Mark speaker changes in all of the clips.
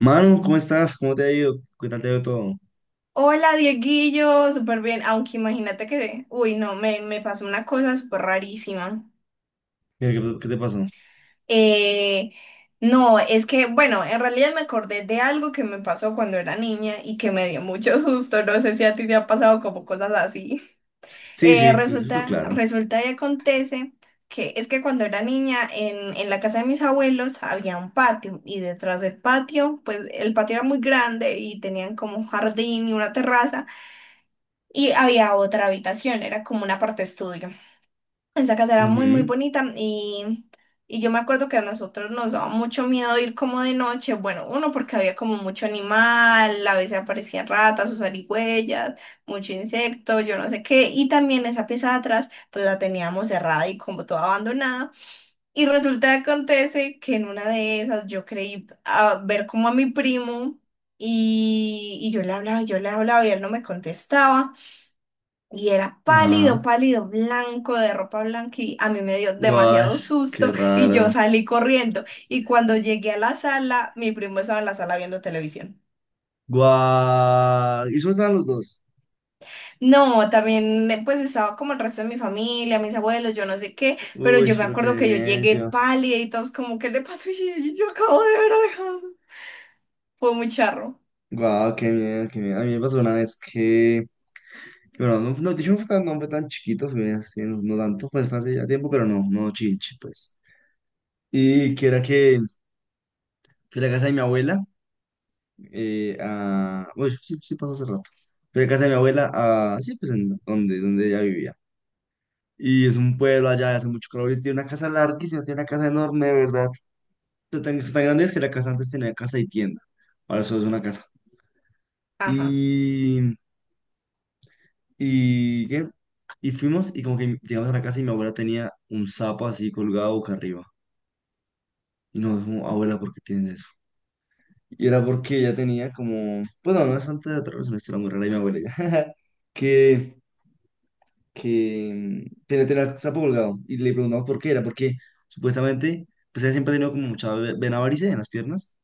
Speaker 1: Manu, ¿cómo estás? ¿Cómo te ha ido? ¿Qué tal te ha ido todo?
Speaker 2: Hola, Dieguillo, súper bien, aunque imagínate que, uy, no, me pasó una cosa súper rarísima.
Speaker 1: ¿Qué te pasó?
Speaker 2: Eh, no, es que, bueno, en realidad me acordé de algo que me pasó cuando era niña y que me dio mucho susto, no sé si a ti te ha pasado como cosas así.
Speaker 1: Sí, sí, te escucho
Speaker 2: Resulta,
Speaker 1: claro.
Speaker 2: resulta y acontece que es que cuando era niña en la casa de mis abuelos había un patio y detrás del patio, pues el patio era muy grande y tenían como un jardín y una terraza. Y había otra habitación, era como una parte estudio. Esa casa era muy, muy
Speaker 1: Ujú.
Speaker 2: bonita y yo me acuerdo que a nosotros nos daba mucho miedo ir como de noche. Bueno, uno porque había como mucho animal, a veces aparecían ratas o zarigüeyas, mucho insecto, yo no sé qué. Y también esa pieza de atrás, pues la teníamos cerrada y como toda abandonada. Y resulta que acontece que en una de esas yo creí a ver como a mi primo y, y yo le hablaba y él no me contestaba. Y era pálido,
Speaker 1: Ajá.
Speaker 2: pálido, blanco, de ropa blanca, y a mí me dio demasiado
Speaker 1: Guash, qué
Speaker 2: susto y
Speaker 1: raro.
Speaker 2: yo salí corriendo. Y cuando llegué a la sala, mi primo estaba en la sala viendo televisión.
Speaker 1: Guau. ¿Y cómo estaban los dos?
Speaker 2: No, también pues estaba como el resto de mi familia, mis abuelos, yo no sé qué, pero
Speaker 1: Uy,
Speaker 2: yo me
Speaker 1: pero qué
Speaker 2: acuerdo que yo llegué
Speaker 1: medio.
Speaker 2: pálida y todos como, ¿qué le pasó? Y yo: "Yo acabo de ver algo". Fue muy charro.
Speaker 1: Guau, qué miedo, qué miedo. A mí me pasó una vez que bueno, no, no, de hecho no fue tan chiquito, fue así, no, no tanto, pues fue hace ya tiempo, pero no, no chinche, pues. Y que era que fui a la casa de mi abuela. Bueno, sí, sí pasó hace rato. Fui a casa de mi abuela, sí, pues en donde ella vivía. Y es un pueblo allá, hace mucho calor, y tiene una casa larguísima, tiene una casa enorme, de verdad. Está tan, tan grande es que la casa antes tenía casa y tienda. Ahora solo es una casa.
Speaker 2: Ajá.
Speaker 1: Y, ¿qué? Y fuimos y como que llegamos a la casa y mi abuela tenía un sapo así colgado boca arriba. Y nos dijimos, abuela, ¿por qué tienes eso? Y era porque ella tenía como, pues no, no es tanto de otra razón, una historia muy rara de mi abuela, que que TNT la, se colgado y le preguntamos por qué era, porque supuestamente pues él siempre ha tenido como mucha vena varice en las piernas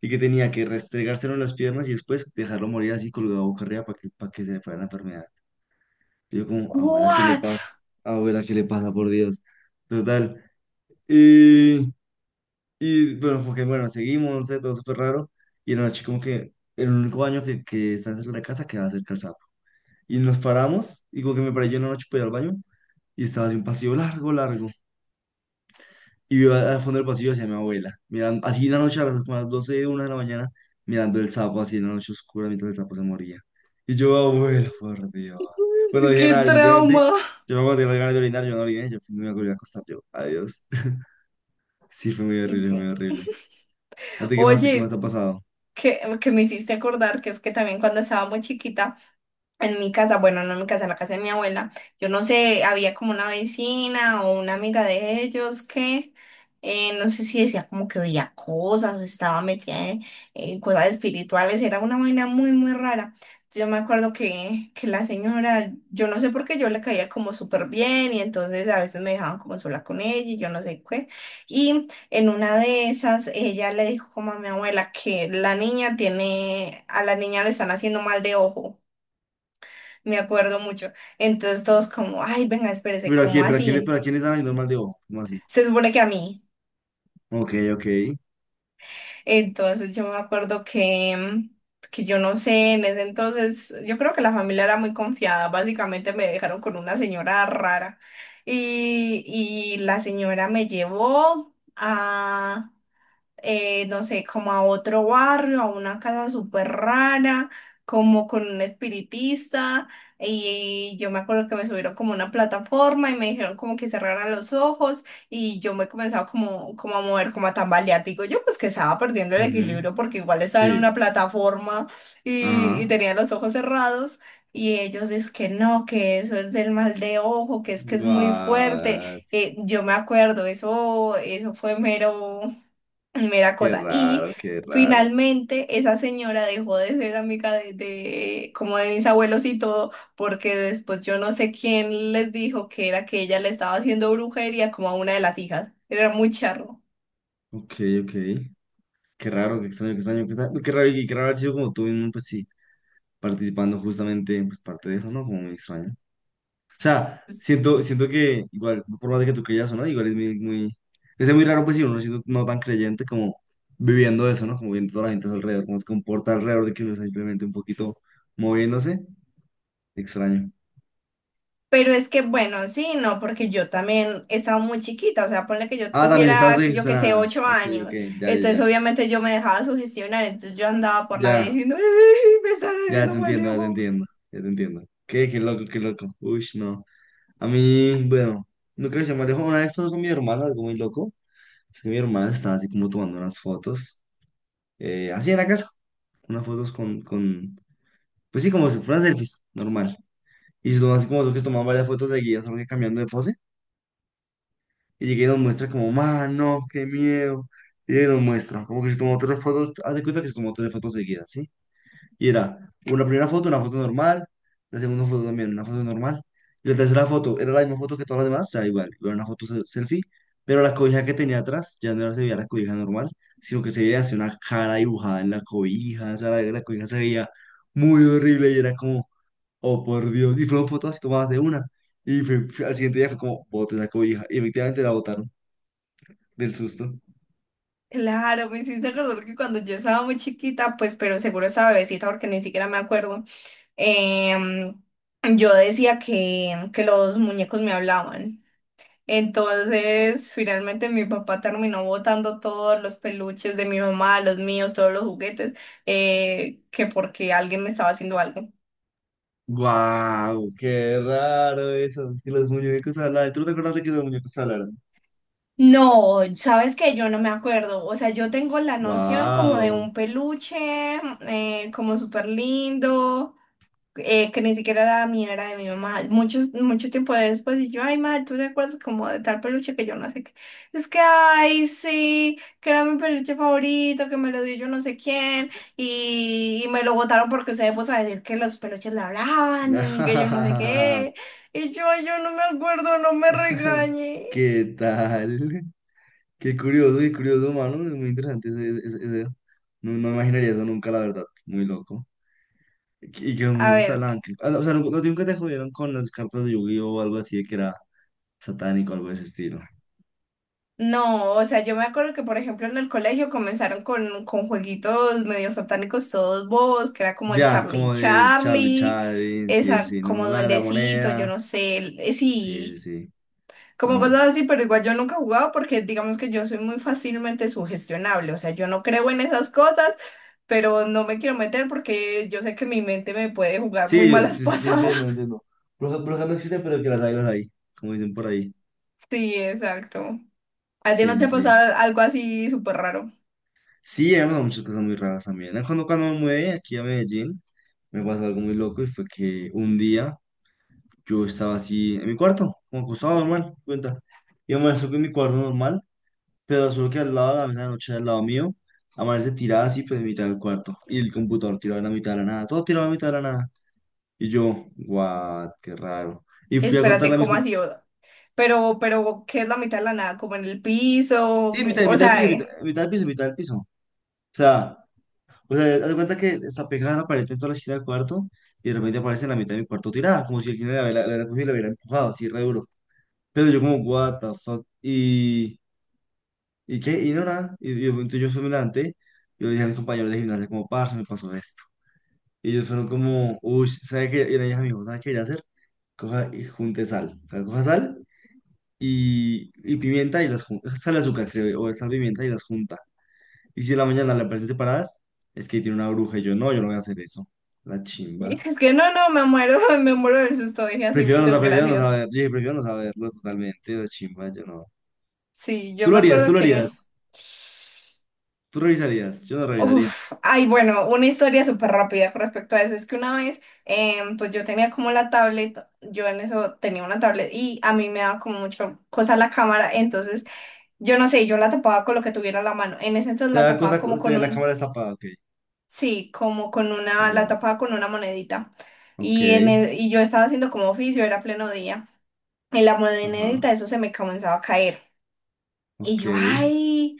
Speaker 1: y que tenía que restregárselo en las piernas y después dejarlo morir así colgado boca arriba para que se le fuera la enfermedad. Y yo como, abuela, ¿qué le
Speaker 2: ¿What?
Speaker 1: pasa? Abuela, ¿qué le pasa? Por Dios. Total. Y, y bueno, porque bueno, seguimos, no sé, todo súper raro. Y en la noche como que el único baño que está cerca de la casa queda cerca al, y nos paramos, y como que me paré yo en la noche para ir al baño, y estaba así un pasillo largo, largo. Y yo al fondo del pasillo hacia mi abuela, mirando, así en la noche como a las doce una de la mañana, mirando el sapo así en la noche oscura mientras el sapo se moría. Y yo, abuela, por Dios. Bueno, dije
Speaker 2: ¡Qué
Speaker 1: nada, simplemente
Speaker 2: trauma!
Speaker 1: yo me acuerdo de las ganas de orinar, yo no oriné, yo me volví a acostar, yo, adiós. Sí, fue muy horrible, muy horrible. ¿A ti qué más
Speaker 2: Oye,
Speaker 1: ha pasado?
Speaker 2: que me hiciste acordar que es que también cuando estaba muy chiquita. En mi casa, bueno, no en mi casa, en la casa de mi abuela, yo no sé, había como una vecina o una amiga de ellos que no sé si decía como que veía cosas o estaba metida en cosas espirituales, era una vaina muy, muy rara. Yo me acuerdo que la señora, yo no sé por qué yo le caía como súper bien y entonces a veces me dejaban como sola con ella y yo no sé qué. Y en una de esas, ella le dijo como a mi abuela que la niña tiene, a la niña le están haciendo mal de ojo, me acuerdo mucho. Entonces todos como, ay, venga, espérese,
Speaker 1: Pero aquí,
Speaker 2: ¿cómo
Speaker 1: pero aquí,
Speaker 2: así?
Speaker 1: pero aquí en esa normal de ojo, ¿cómo así?
Speaker 2: Se supone que a mí.
Speaker 1: Ok, ok.
Speaker 2: Entonces yo me acuerdo que, que yo no sé, en ese entonces, yo creo que la familia era muy confiada, básicamente me dejaron con una señora rara y la señora me llevó a... no sé, como a otro barrio, a una casa súper rara, como con un espiritista. Y yo me acuerdo que me subieron como a una plataforma y me dijeron como que cerrara los ojos y yo me comenzaba como, como a mover, como a tambalear. Digo yo pues que estaba perdiendo el
Speaker 1: Ujú.
Speaker 2: equilibrio porque igual estaba en
Speaker 1: Sí,
Speaker 2: una plataforma y
Speaker 1: ajá.
Speaker 2: tenía los ojos cerrados. Y ellos dicen que no, que eso es del mal de ojo, que es muy fuerte.
Speaker 1: Guau,
Speaker 2: Yo me acuerdo, eso fue mero. Mera
Speaker 1: qué
Speaker 2: cosa. Y
Speaker 1: raro, qué raro.
Speaker 2: finalmente esa señora dejó de ser amiga de- como de mis abuelos y todo, porque después yo no sé quién les dijo que era que ella le estaba haciendo brujería como a una de las hijas. Era muy charro.
Speaker 1: Ok, ok. Qué raro, qué extraño, qué extraño, qué extraño. Qué raro, y qué raro haber sido como tú mismo, pues sí, participando justamente, pues parte de eso, ¿no? Como muy extraño. O sea,
Speaker 2: Pues,
Speaker 1: siento,
Speaker 2: sí.
Speaker 1: siento que igual, por más de que tú creas o no, igual es muy, muy, es muy raro, pues sí, uno siendo no tan creyente como viviendo eso, ¿no? Como viendo toda la gente a su alrededor, cómo se comporta alrededor de que uno está simplemente un poquito moviéndose. Extraño.
Speaker 2: Pero es que bueno, sí, no, porque yo también estaba muy chiquita, o sea, ponle que yo
Speaker 1: Ah, también estaba
Speaker 2: tuviera, yo qué sé,
Speaker 1: sugestionada.
Speaker 2: ocho
Speaker 1: Ok, ok,
Speaker 2: años,
Speaker 1: ya, ya,
Speaker 2: entonces
Speaker 1: ya.
Speaker 2: obviamente yo me dejaba sugestionar, entonces yo andaba por la vida
Speaker 1: Ya.
Speaker 2: diciendo, "Ay, me están
Speaker 1: Ya
Speaker 2: haciendo
Speaker 1: te
Speaker 2: mal".
Speaker 1: entiendo, ya te entiendo, ya te entiendo. Qué loco, qué loco. Uy, no. A mí, bueno, nunca se me dejó una vez estaba con mi hermana, algo muy loco. Que mi hermana estaba así como tomando unas fotos, así en la casa, unas fotos con, pues sí, como si fueran selfies, normal. Y se tomó así como tú que se tomaban varias fotos seguidas, solo que cambiando de pose. Y llegué y nos muestra como, mano, qué miedo. Y ella nos muestra, como que se tomó tres fotos, haz de cuenta que se tomó tres fotos seguidas, ¿sí? Y era una primera foto, una foto normal, la segunda foto también, una foto normal. Y la tercera foto era la misma foto que todas las demás, o sea, igual, una foto selfie, pero la cobija que tenía atrás ya no se veía la cobija normal, sino que se veía así una cara dibujada en la cobija, o sea, la cobija se veía muy horrible y era como, oh por Dios, y fueron fotos así tomadas de una. Y al siguiente día fue como, bote la cobija, y efectivamente la botaron del susto.
Speaker 2: Claro, me hiciste acordar que cuando yo estaba muy chiquita, pues, pero seguro estaba bebecita porque ni siquiera me acuerdo. em, yo decía que los muñecos me hablaban. Entonces, finalmente mi papá terminó botando todos los peluches de mi mamá, los míos, todos los juguetes, que porque alguien me estaba haciendo algo.
Speaker 1: ¡Guau! ¡Qué raro eso! Que los muñecos hablaran. ¿Tú no te acuerdas de que los muñecos hablaran?
Speaker 2: No, sabes que yo no me acuerdo, o sea, yo tengo la noción como de
Speaker 1: Wow.
Speaker 2: un peluche, como súper lindo. Que ni siquiera era mía, era de mi mamá. Muchos, mucho tiempo después, y yo, ay, madre, ¿tú te acuerdas como de tal peluche que yo no sé qué? Es que, ay, sí, que era mi peluche favorito, que me lo dio yo no sé quién, y me lo botaron porque se puso a decir que los peluches le hablaban, que yo no sé qué. Y yo: "Ay, yo no me acuerdo, no me regañe".
Speaker 1: ¿Qué tal? Qué curioso, mano. Es muy interesante ese. No, no me imaginaría eso nunca, la verdad. Muy loco. Y que los
Speaker 2: A
Speaker 1: muñecos
Speaker 2: ver.
Speaker 1: hablaban. No, o sea, nunca- no, nunca te jodieron con las cartas de Yu-Gi-Oh o algo así de que era satánico, algo de ese estilo.
Speaker 2: No, o sea, yo me acuerdo que, por ejemplo, en el colegio comenzaron con jueguitos medio satánicos todos bobos, que era como el
Speaker 1: Ya,
Speaker 2: Charlie
Speaker 1: como de Charlie
Speaker 2: Charlie,
Speaker 1: Chaplin, sí, el
Speaker 2: esa
Speaker 1: sí,
Speaker 2: como
Speaker 1: ¿no? La de la
Speaker 2: duendecito, yo
Speaker 1: moneda.
Speaker 2: no sé, el-
Speaker 1: Sí, sí,
Speaker 2: sí,
Speaker 1: sí.
Speaker 2: como
Speaker 1: Ajá.
Speaker 2: cosas así, pero igual yo nunca jugaba porque digamos que yo soy muy fácilmente sugestionable, o sea, yo no creo en esas cosas, pero no me quiero meter porque yo sé que mi mente me puede jugar muy
Speaker 1: Sí, yo,
Speaker 2: malas
Speaker 1: yo- yo
Speaker 2: pasadas.
Speaker 1: entiendo, entiendo. Brujas brujas no existen, pero que las hay, las hay. Como dicen por ahí.
Speaker 2: Sí, exacto. ¿A ti
Speaker 1: Sí,
Speaker 2: no te
Speaker 1: sí,
Speaker 2: ha
Speaker 1: sí.
Speaker 2: pasado algo así súper raro?
Speaker 1: Sí, han pasado muchas cosas muy raras también. Ah, Cuando me mudé aquí a Medellín, me pasó algo muy loco y fue que un día yo estaba así en mi cuarto, como acostado normal, cuenta. Y amaneció en mi cuarto normal, pero solo que al lado de la mesa de noche, al lado mío, amanece tirada así, pues en mitad del cuarto. Y el computador tirado en la mitad de la nada, todo tirado en la mitad de la nada. Y yo, what, qué raro. Y fui a contarle
Speaker 2: Espérate,
Speaker 1: a mis
Speaker 2: ¿cómo
Speaker 1: compañeros,
Speaker 2: así? Pero, ¿qué es la mitad de la nada? Como en el
Speaker 1: sí,
Speaker 2: piso.
Speaker 1: en
Speaker 2: O
Speaker 1: mitad del piso,
Speaker 2: sea,
Speaker 1: en mitad del piso, en mitad del piso. Sea, O sea, haz de cuenta que está pegada a la pared en toda la esquina del cuarto y de repente aparece en la mitad de mi cuarto tirada, como si alguien la hubiera cogido y la hubiera empujado, así re duro. Pero yo como, what the fuck, y qué, y no nada, y entonces yo fui y me levanté, yo le dije a mis compañeros de gimnasia como, parce, me pasó esto. Y ellos fueron como, uy, ¿sabe qué? Y la dije a mi ¿sabe qué debería hacer? Coja y junte sal. O sea, coja sal y pimienta y las junta, sal y azúcar creo, o sal, pimienta y las junta. Y si en la mañana le parecen separadas, es que tiene una bruja. Y yo, no, yo no voy a hacer eso. La chimba.
Speaker 2: es que no, no, me muero, me muero del susto. Dije así,
Speaker 1: Prefiero no, sa-
Speaker 2: muchas
Speaker 1: prefiero no
Speaker 2: gracias.
Speaker 1: saber. Yo dije, prefiero no saberlo totalmente. La chimba, yo no.
Speaker 2: Sí,
Speaker 1: Tú
Speaker 2: yo
Speaker 1: lo
Speaker 2: me
Speaker 1: harías, tú
Speaker 2: acuerdo
Speaker 1: lo
Speaker 2: que.
Speaker 1: harías. Tú revisarías. Yo no revisaría.
Speaker 2: Uf, ay, bueno, una historia súper rápida con respecto a eso. Es que una vez, pues yo tenía como la tablet, yo en eso tenía una tablet y a mí me daba como mucha cosa la cámara, entonces yo no sé, yo la tapaba con lo que tuviera a la mano. En ese entonces
Speaker 1: Te
Speaker 2: la
Speaker 1: da
Speaker 2: tapaba
Speaker 1: cosa,
Speaker 2: como con
Speaker 1: te, la cámara
Speaker 2: un.
Speaker 1: destapada, ok.
Speaker 2: Sí, como con una, la
Speaker 1: Ya,
Speaker 2: tapaba con una monedita.
Speaker 1: ok.
Speaker 2: Y, en el- y yo estaba haciendo como oficio, era pleno día. Y la
Speaker 1: Ajá,
Speaker 2: monedita, eso se me comenzaba a caer. Y
Speaker 1: ok.
Speaker 2: yo, ay,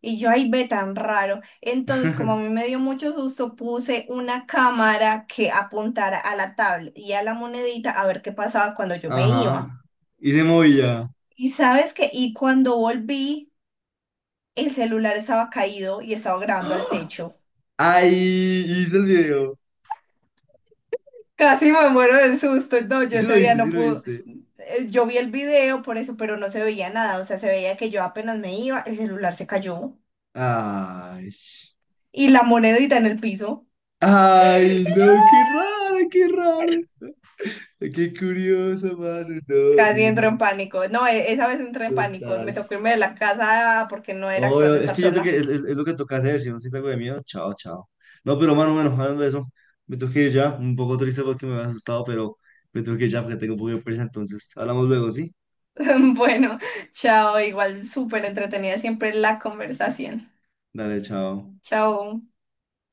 Speaker 2: y yo, ay, ve tan raro. Entonces, como a mí me dio mucho susto, puse una cámara que apuntara a la tablet y a la monedita a ver qué pasaba cuando yo me
Speaker 1: Ajá.
Speaker 2: iba.
Speaker 1: Y se movía.
Speaker 2: Y sabes que, y cuando volví, el celular estaba caído y estaba grabando al
Speaker 1: ¡Ah!
Speaker 2: techo.
Speaker 1: ¡Ay! Hice el video.
Speaker 2: Casi me muero del susto. No, yo
Speaker 1: Sí lo
Speaker 2: ese día
Speaker 1: viste, sí
Speaker 2: no
Speaker 1: lo
Speaker 2: pude.
Speaker 1: viste.
Speaker 2: Yo vi el video por eso, pero no se veía nada. O sea, se veía que yo apenas me iba, el celular se cayó
Speaker 1: Ay.
Speaker 2: y la monedita en el piso.
Speaker 1: Ay, no, qué raro, qué raro. Qué curioso, mano. No,
Speaker 2: Casi entro en
Speaker 1: horrible.
Speaker 2: pánico. No, e- esa vez entré en pánico. Me
Speaker 1: Total.
Speaker 2: tocó irme de la casa porque no era
Speaker 1: Oh,
Speaker 2: capaz de
Speaker 1: es
Speaker 2: estar
Speaker 1: que yo creo que
Speaker 2: sola.
Speaker 1: es lo que toca hacer. Si no siento algo de miedo, chao, chao. No, pero mano, bueno, hablando de eso, me tengo que ir ya. Un poco triste porque me había asustado, pero me tengo que ir ya porque tengo un poco de prisa. Entonces, hablamos luego, ¿sí?
Speaker 2: Bueno, chao. Igual súper entretenida siempre la conversación.
Speaker 1: Dale, chao.
Speaker 2: Chao.